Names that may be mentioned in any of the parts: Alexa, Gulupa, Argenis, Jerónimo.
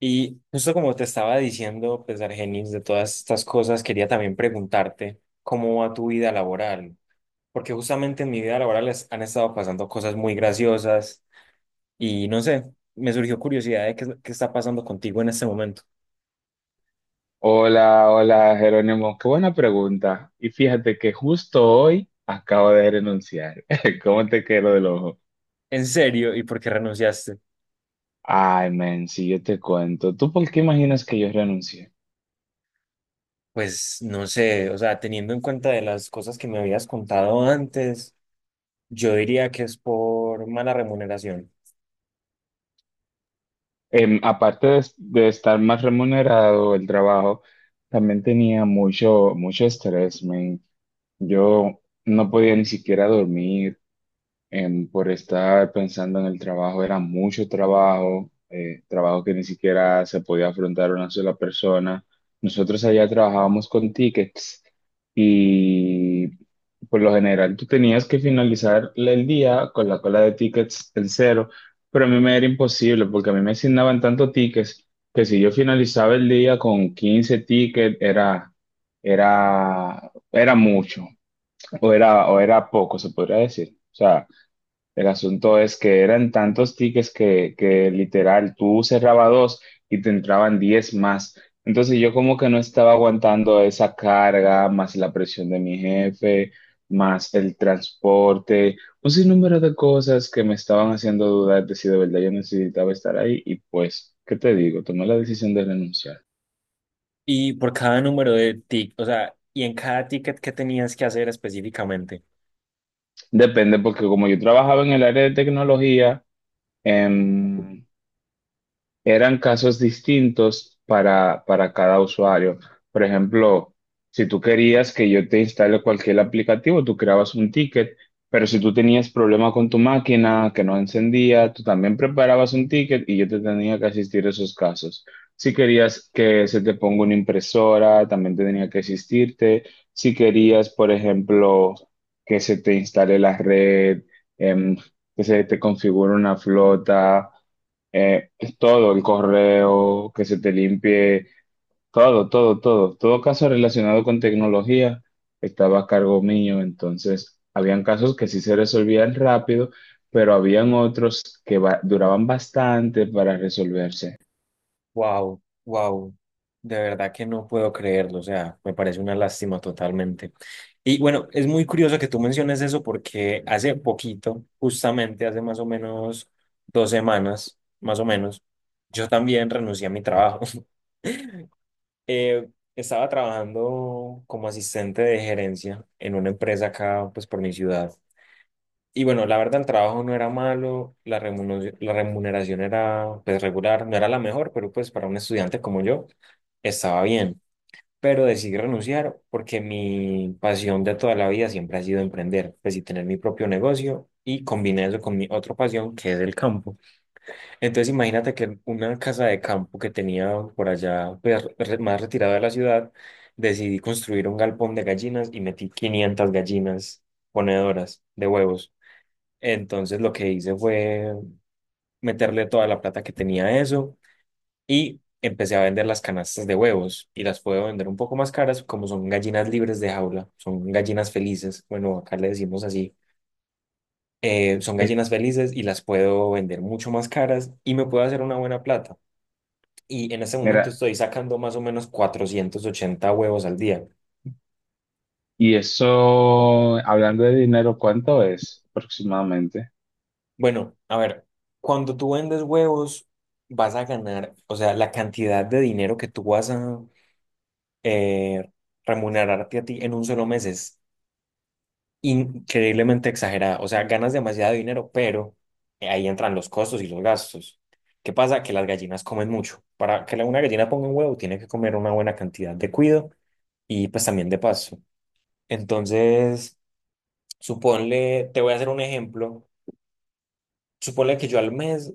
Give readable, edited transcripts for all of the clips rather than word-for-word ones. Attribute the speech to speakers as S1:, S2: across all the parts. S1: Y justo como te estaba diciendo, pues Argenis, de todas estas cosas, quería también preguntarte cómo va tu vida laboral, porque justamente en mi vida laboral han estado pasando cosas muy graciosas y no sé, me surgió curiosidad de qué, qué está pasando contigo en este momento.
S2: Hola, hola Jerónimo, qué buena pregunta. Y fíjate que justo hoy acabo de renunciar. ¿Cómo te quedó del ojo?
S1: ¿En serio? ¿Y por qué renunciaste?
S2: Ay, men, si yo te cuento, ¿tú por qué imaginas que yo renuncié?
S1: Pues no sé, o sea, teniendo en cuenta de las cosas que me habías contado antes, yo diría que es por mala remuneración.
S2: Aparte de estar más remunerado el trabajo, también tenía mucho, mucho estrés, men. Yo no podía ni siquiera dormir, por estar pensando en el trabajo. Era mucho trabajo, trabajo que ni siquiera se podía afrontar una sola persona. Nosotros allá trabajábamos con tickets y por lo general tú tenías que finalizar el día con la cola de tickets en cero, pero a mí me era imposible porque a mí me asignaban tantos tickets que si yo finalizaba el día con 15 tickets era mucho, o era poco, se podría decir. O sea, el asunto es que eran tantos tickets que literal tú cerrabas dos y te entraban 10 más. Entonces yo como que no estaba aguantando esa carga, más la presión de mi jefe, más el transporte, un sinnúmero de cosas que me estaban haciendo dudar de si de verdad yo necesitaba estar ahí y pues, ¿qué te digo? Tomé la decisión de renunciar.
S1: Y por cada o sea, y en cada ticket que tenías que hacer específicamente.
S2: Depende porque como yo trabajaba en el área de tecnología, em, eran casos distintos para, cada usuario. Por ejemplo, si tú querías que yo te instale cualquier aplicativo, tú creabas un ticket, pero si tú tenías problema con tu máquina que no encendía, tú también preparabas un ticket y yo te tenía que asistir a esos casos. Si querías que se te ponga una impresora, también te tenía que asistirte. Si querías, por ejemplo, que se te instale la red, em, que se te configure una flota. Eh, todo, el correo, que se te limpie, todo, todo, todo. Todo caso relacionado con tecnología estaba a cargo mío. Entonces, habían casos que sí se resolvían rápido, pero habían otros que duraban bastante para resolverse.
S1: Wow, wow. De verdad que no puedo creerlo, o sea, me parece una lástima totalmente. Y bueno, es muy curioso que tú menciones eso porque hace poquito, justamente hace más o menos dos semanas, más o menos, yo también renuncié a mi trabajo. Eh, Estaba trabajando como asistente de gerencia en una empresa acá, pues por mi ciudad. Y bueno, la verdad, el trabajo no era malo, la remuneración era pues regular, no era la mejor, pero pues para un estudiante como yo estaba bien. Pero decidí renunciar porque mi pasión de toda la vida siempre ha sido emprender, pues, y tener mi propio negocio, y combiné eso con mi otra pasión que es el campo. Entonces imagínate que una casa de campo que tenía por allá pues, más retirada de la ciudad, decidí construir un galpón de gallinas y metí 500 gallinas ponedoras de huevos. Entonces lo que hice fue meterle toda la plata que tenía a eso y empecé a vender las canastas de huevos y las puedo vender un poco más caras como son gallinas libres de jaula, son gallinas felices, bueno, acá le decimos así, son
S2: Eh,
S1: gallinas felices y las puedo vender mucho más caras y me puedo hacer una buena plata. Y en este momento
S2: mira,
S1: estoy sacando más o menos 480 huevos al día.
S2: y eso, hablando de dinero, ¿cuánto es aproximadamente?
S1: Bueno, a ver, cuando tú vendes huevos, vas a ganar, o sea, la cantidad de dinero que tú vas a eh, remunerarte a ti en un solo mes es increíblemente exagerada. O sea, ganas demasiado dinero, pero ahí entran los costos y los gastos. ¿Qué pasa? Que las gallinas comen mucho. Para que una gallina ponga un huevo, tiene que comer una buena cantidad de cuido y pues también de paso. Entonces, suponle, te voy a hacer un ejemplo. Suponle que yo al mes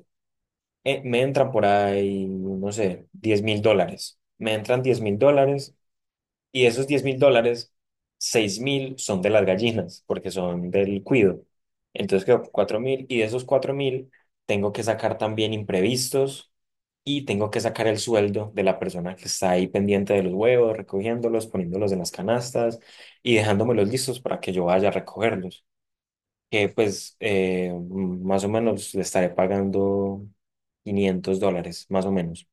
S1: me entran por ahí, no sé, $10,000. Me entran $10,000. Y esos $10,000, 6,000 son de las gallinas, porque son del cuido. Entonces quedó 4,000, y de esos 4,000 tengo que sacar también imprevistos y tengo que sacar el sueldo de la persona que está ahí pendiente de los huevos, recogiéndolos, poniéndolos en las canastas y dejándomelos listos para que yo vaya a recogerlos. Que pues más o menos le estaré pagando $500, más o menos.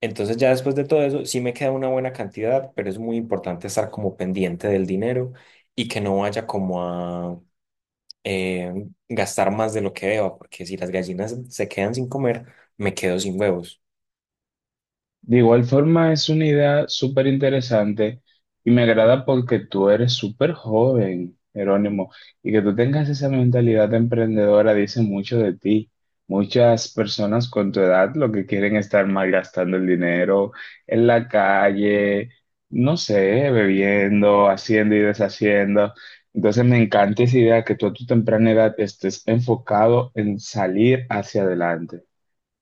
S1: Entonces ya después de todo eso, sí me queda una buena cantidad, pero es muy importante estar como pendiente del dinero y que no vaya como a eh, gastar más de lo que deba, porque si las gallinas se quedan sin comer, me quedo sin huevos.
S2: De igual forma, es una idea súper interesante y me agrada porque tú eres súper joven, Jerónimo, y que tú tengas esa mentalidad emprendedora dice mucho de ti. Muchas personas con tu edad lo que quieren es estar malgastando el dinero en la calle, no sé, bebiendo, haciendo y deshaciendo. Entonces me encanta esa idea que tú a tu temprana edad estés enfocado en salir hacia adelante,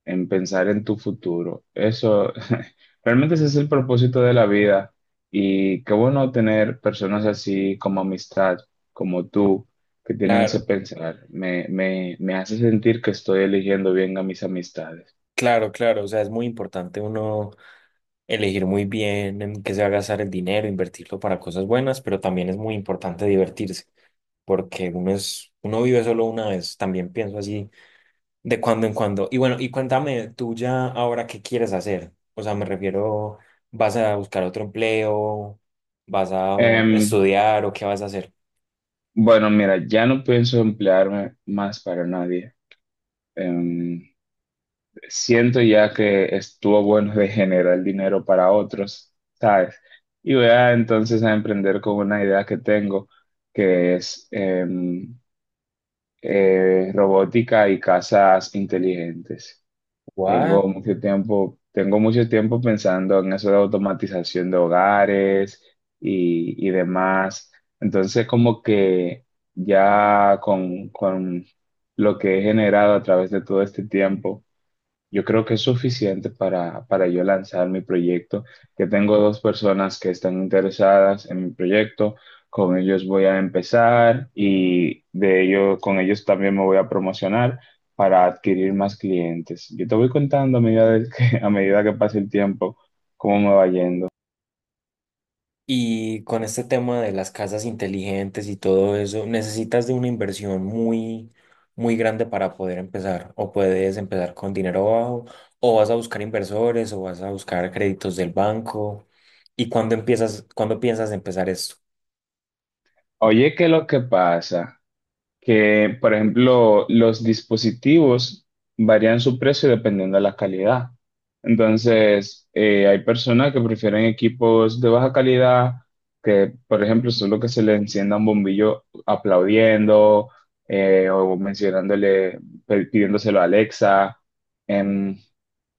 S2: en pensar en tu futuro. Eso, realmente ese es el propósito de la vida, y qué bueno tener personas así como amistad, como tú, que tienen ese
S1: Claro,
S2: pensar. Me hace sentir que estoy eligiendo bien a mis amistades.
S1: claro, claro. O sea, es muy importante uno elegir muy bien en qué se va a gastar el dinero, invertirlo para cosas buenas, pero también es muy importante divertirse, porque uno es, uno vive solo una vez. También pienso así. De cuando en cuando. Y bueno, y cuéntame tú ya ahora qué quieres hacer. O sea, me refiero, ¿vas a buscar otro empleo? ¿Vas a
S2: Em,
S1: estudiar o qué vas a hacer?
S2: bueno, mira, ya no pienso emplearme más para nadie. Em, siento ya que estuvo bueno de generar dinero para otros, ¿sabes? Y voy a entonces a emprender con una idea que tengo, que es robótica y casas inteligentes.
S1: What?
S2: Tengo mucho tiempo pensando en eso de automatización de hogares y demás. Entonces, como que ya con lo que he generado a través de todo este tiempo yo creo que es suficiente para, yo lanzar mi proyecto, que tengo dos personas que están interesadas en mi proyecto, con ellos voy a empezar y de ellos, con ellos también me voy a promocionar para adquirir más clientes. Yo te voy contando a medida de que, a medida que pase el tiempo cómo me va yendo.
S1: Y con este tema de las casas inteligentes y todo eso, ¿necesitas de una inversión muy, muy grande para poder empezar? ¿O puedes empezar con dinero bajo? ¿O vas a buscar inversores? ¿O vas a buscar créditos del banco? ¿Y cuándo empiezas, cuándo piensas empezar esto?
S2: Oye, ¿qué es lo que pasa? Que, por ejemplo, los dispositivos varían su precio dependiendo de la calidad. Entonces, hay personas que prefieren equipos de baja calidad, que, por ejemplo, solo que se le encienda un bombillo aplaudiendo, o mencionándole, pidiéndoselo a Alexa. Em,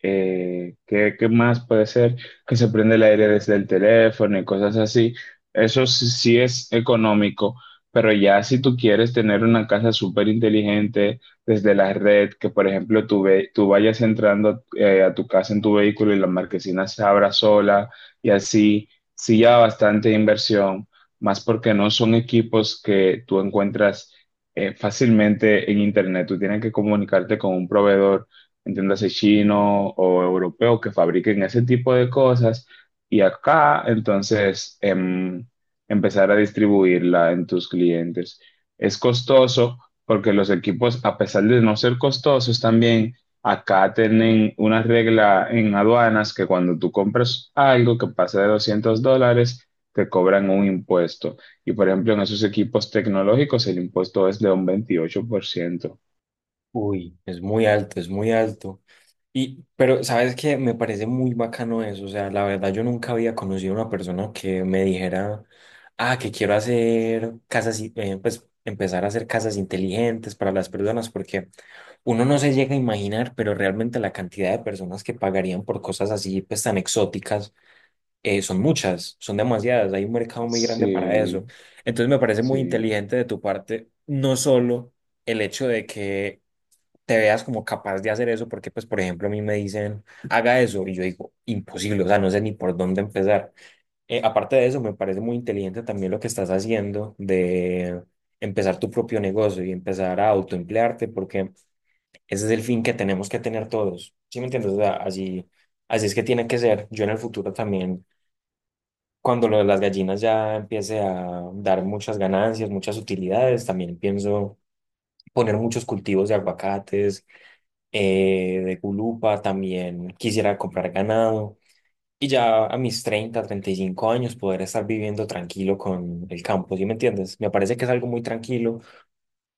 S2: ¿qué más puede ser? Que se prende el aire desde el teléfono y cosas así. Eso sí sí es económico. Pero ya si tú quieres tener una casa súper inteligente desde la red, que por ejemplo tú vayas entrando a tu casa en tu vehículo y la marquesina se abra sola, y así, sí, ya bastante inversión, más porque no son equipos que tú encuentras fácilmente en internet. Tú tienes que comunicarte con un proveedor, entiéndase chino o europeo, que fabriquen ese tipo de cosas. Y acá, entonces, empezar a distribuirla en tus clientes. Es costoso porque los equipos, a pesar de no ser costosos también, acá tienen una regla en aduanas que cuando tú compras algo que pasa de $200, te cobran un impuesto. Y por ejemplo, en esos equipos tecnológicos el impuesto es de un 28%.
S1: Uy, es muy alto, es muy alto. Y, pero, ¿sabes qué? Me parece muy bacano eso. O sea, la verdad, yo nunca había conocido a una persona que me dijera, ah, que quiero hacer casas, pues empezar a hacer casas inteligentes para las personas, porque uno no se llega a imaginar, pero realmente la cantidad de personas que pagarían por cosas así, pues tan exóticas, son muchas, son demasiadas. Hay un mercado muy grande para
S2: Sí,
S1: eso. Entonces, me parece muy
S2: sí.
S1: inteligente de tu parte, no solo el hecho de que te veas como capaz de hacer eso, porque pues por ejemplo a mí me dicen, haga eso, y yo digo, imposible, o sea, no sé ni por dónde empezar. Aparte de eso, me parece muy inteligente también lo que estás haciendo de empezar tu propio negocio y empezar a autoemplearte, porque ese es el fin que tenemos que tener todos, ¿sí me entiendes? O sea, así, así es que tiene que ser. Yo en el futuro también, cuando lo de las gallinas ya empiece a dar muchas ganancias, muchas utilidades, también pienso poner muchos cultivos de aguacates, de Gulupa, también quisiera comprar ganado y ya a mis 35 años poder estar viviendo tranquilo con el campo, ¿sí me entiendes? Me parece que es algo muy tranquilo,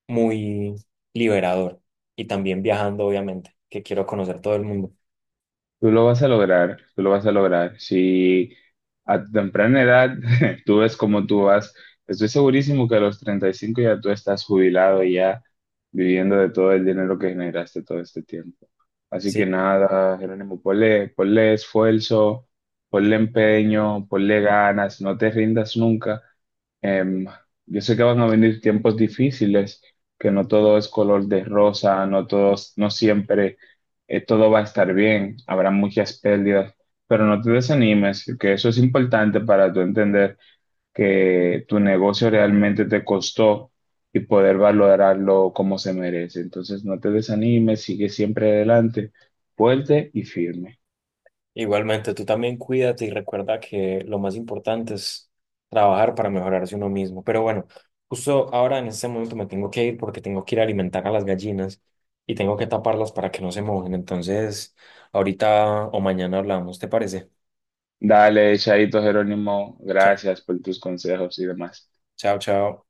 S1: muy liberador, y también viajando, obviamente, que quiero conocer todo el mundo.
S2: Tú lo vas a lograr, tú lo vas a lograr. Si a tu temprana edad tú ves cómo tú vas, estoy segurísimo que a los 35 ya tú estás jubilado y ya viviendo de todo el dinero que generaste todo este tiempo. Así que
S1: Sí.
S2: nada, Jerónimo, ponle, ponle esfuerzo, ponle empeño, ponle ganas, no te rindas nunca. Em, yo sé que van a venir tiempos difíciles, que no todo es color de rosa, no todos, no siempre, todo va a estar bien, habrá muchas pérdidas, pero no te desanimes, que eso es importante para tú entender que tu negocio realmente te costó y poder valorarlo como se merece. Entonces, no te desanimes, sigue siempre adelante, fuerte y firme.
S1: Igualmente, tú también cuídate y recuerda que lo más importante es trabajar para mejorarse uno mismo. Pero bueno, justo ahora en este momento me tengo que ir porque tengo que ir a alimentar a las gallinas y tengo que taparlas para que no se mojen. Entonces, ahorita o mañana hablamos, ¿te parece?
S2: Dale, Chaito Jerónimo,
S1: Chao,
S2: gracias por tus consejos y demás.
S1: chao, chao.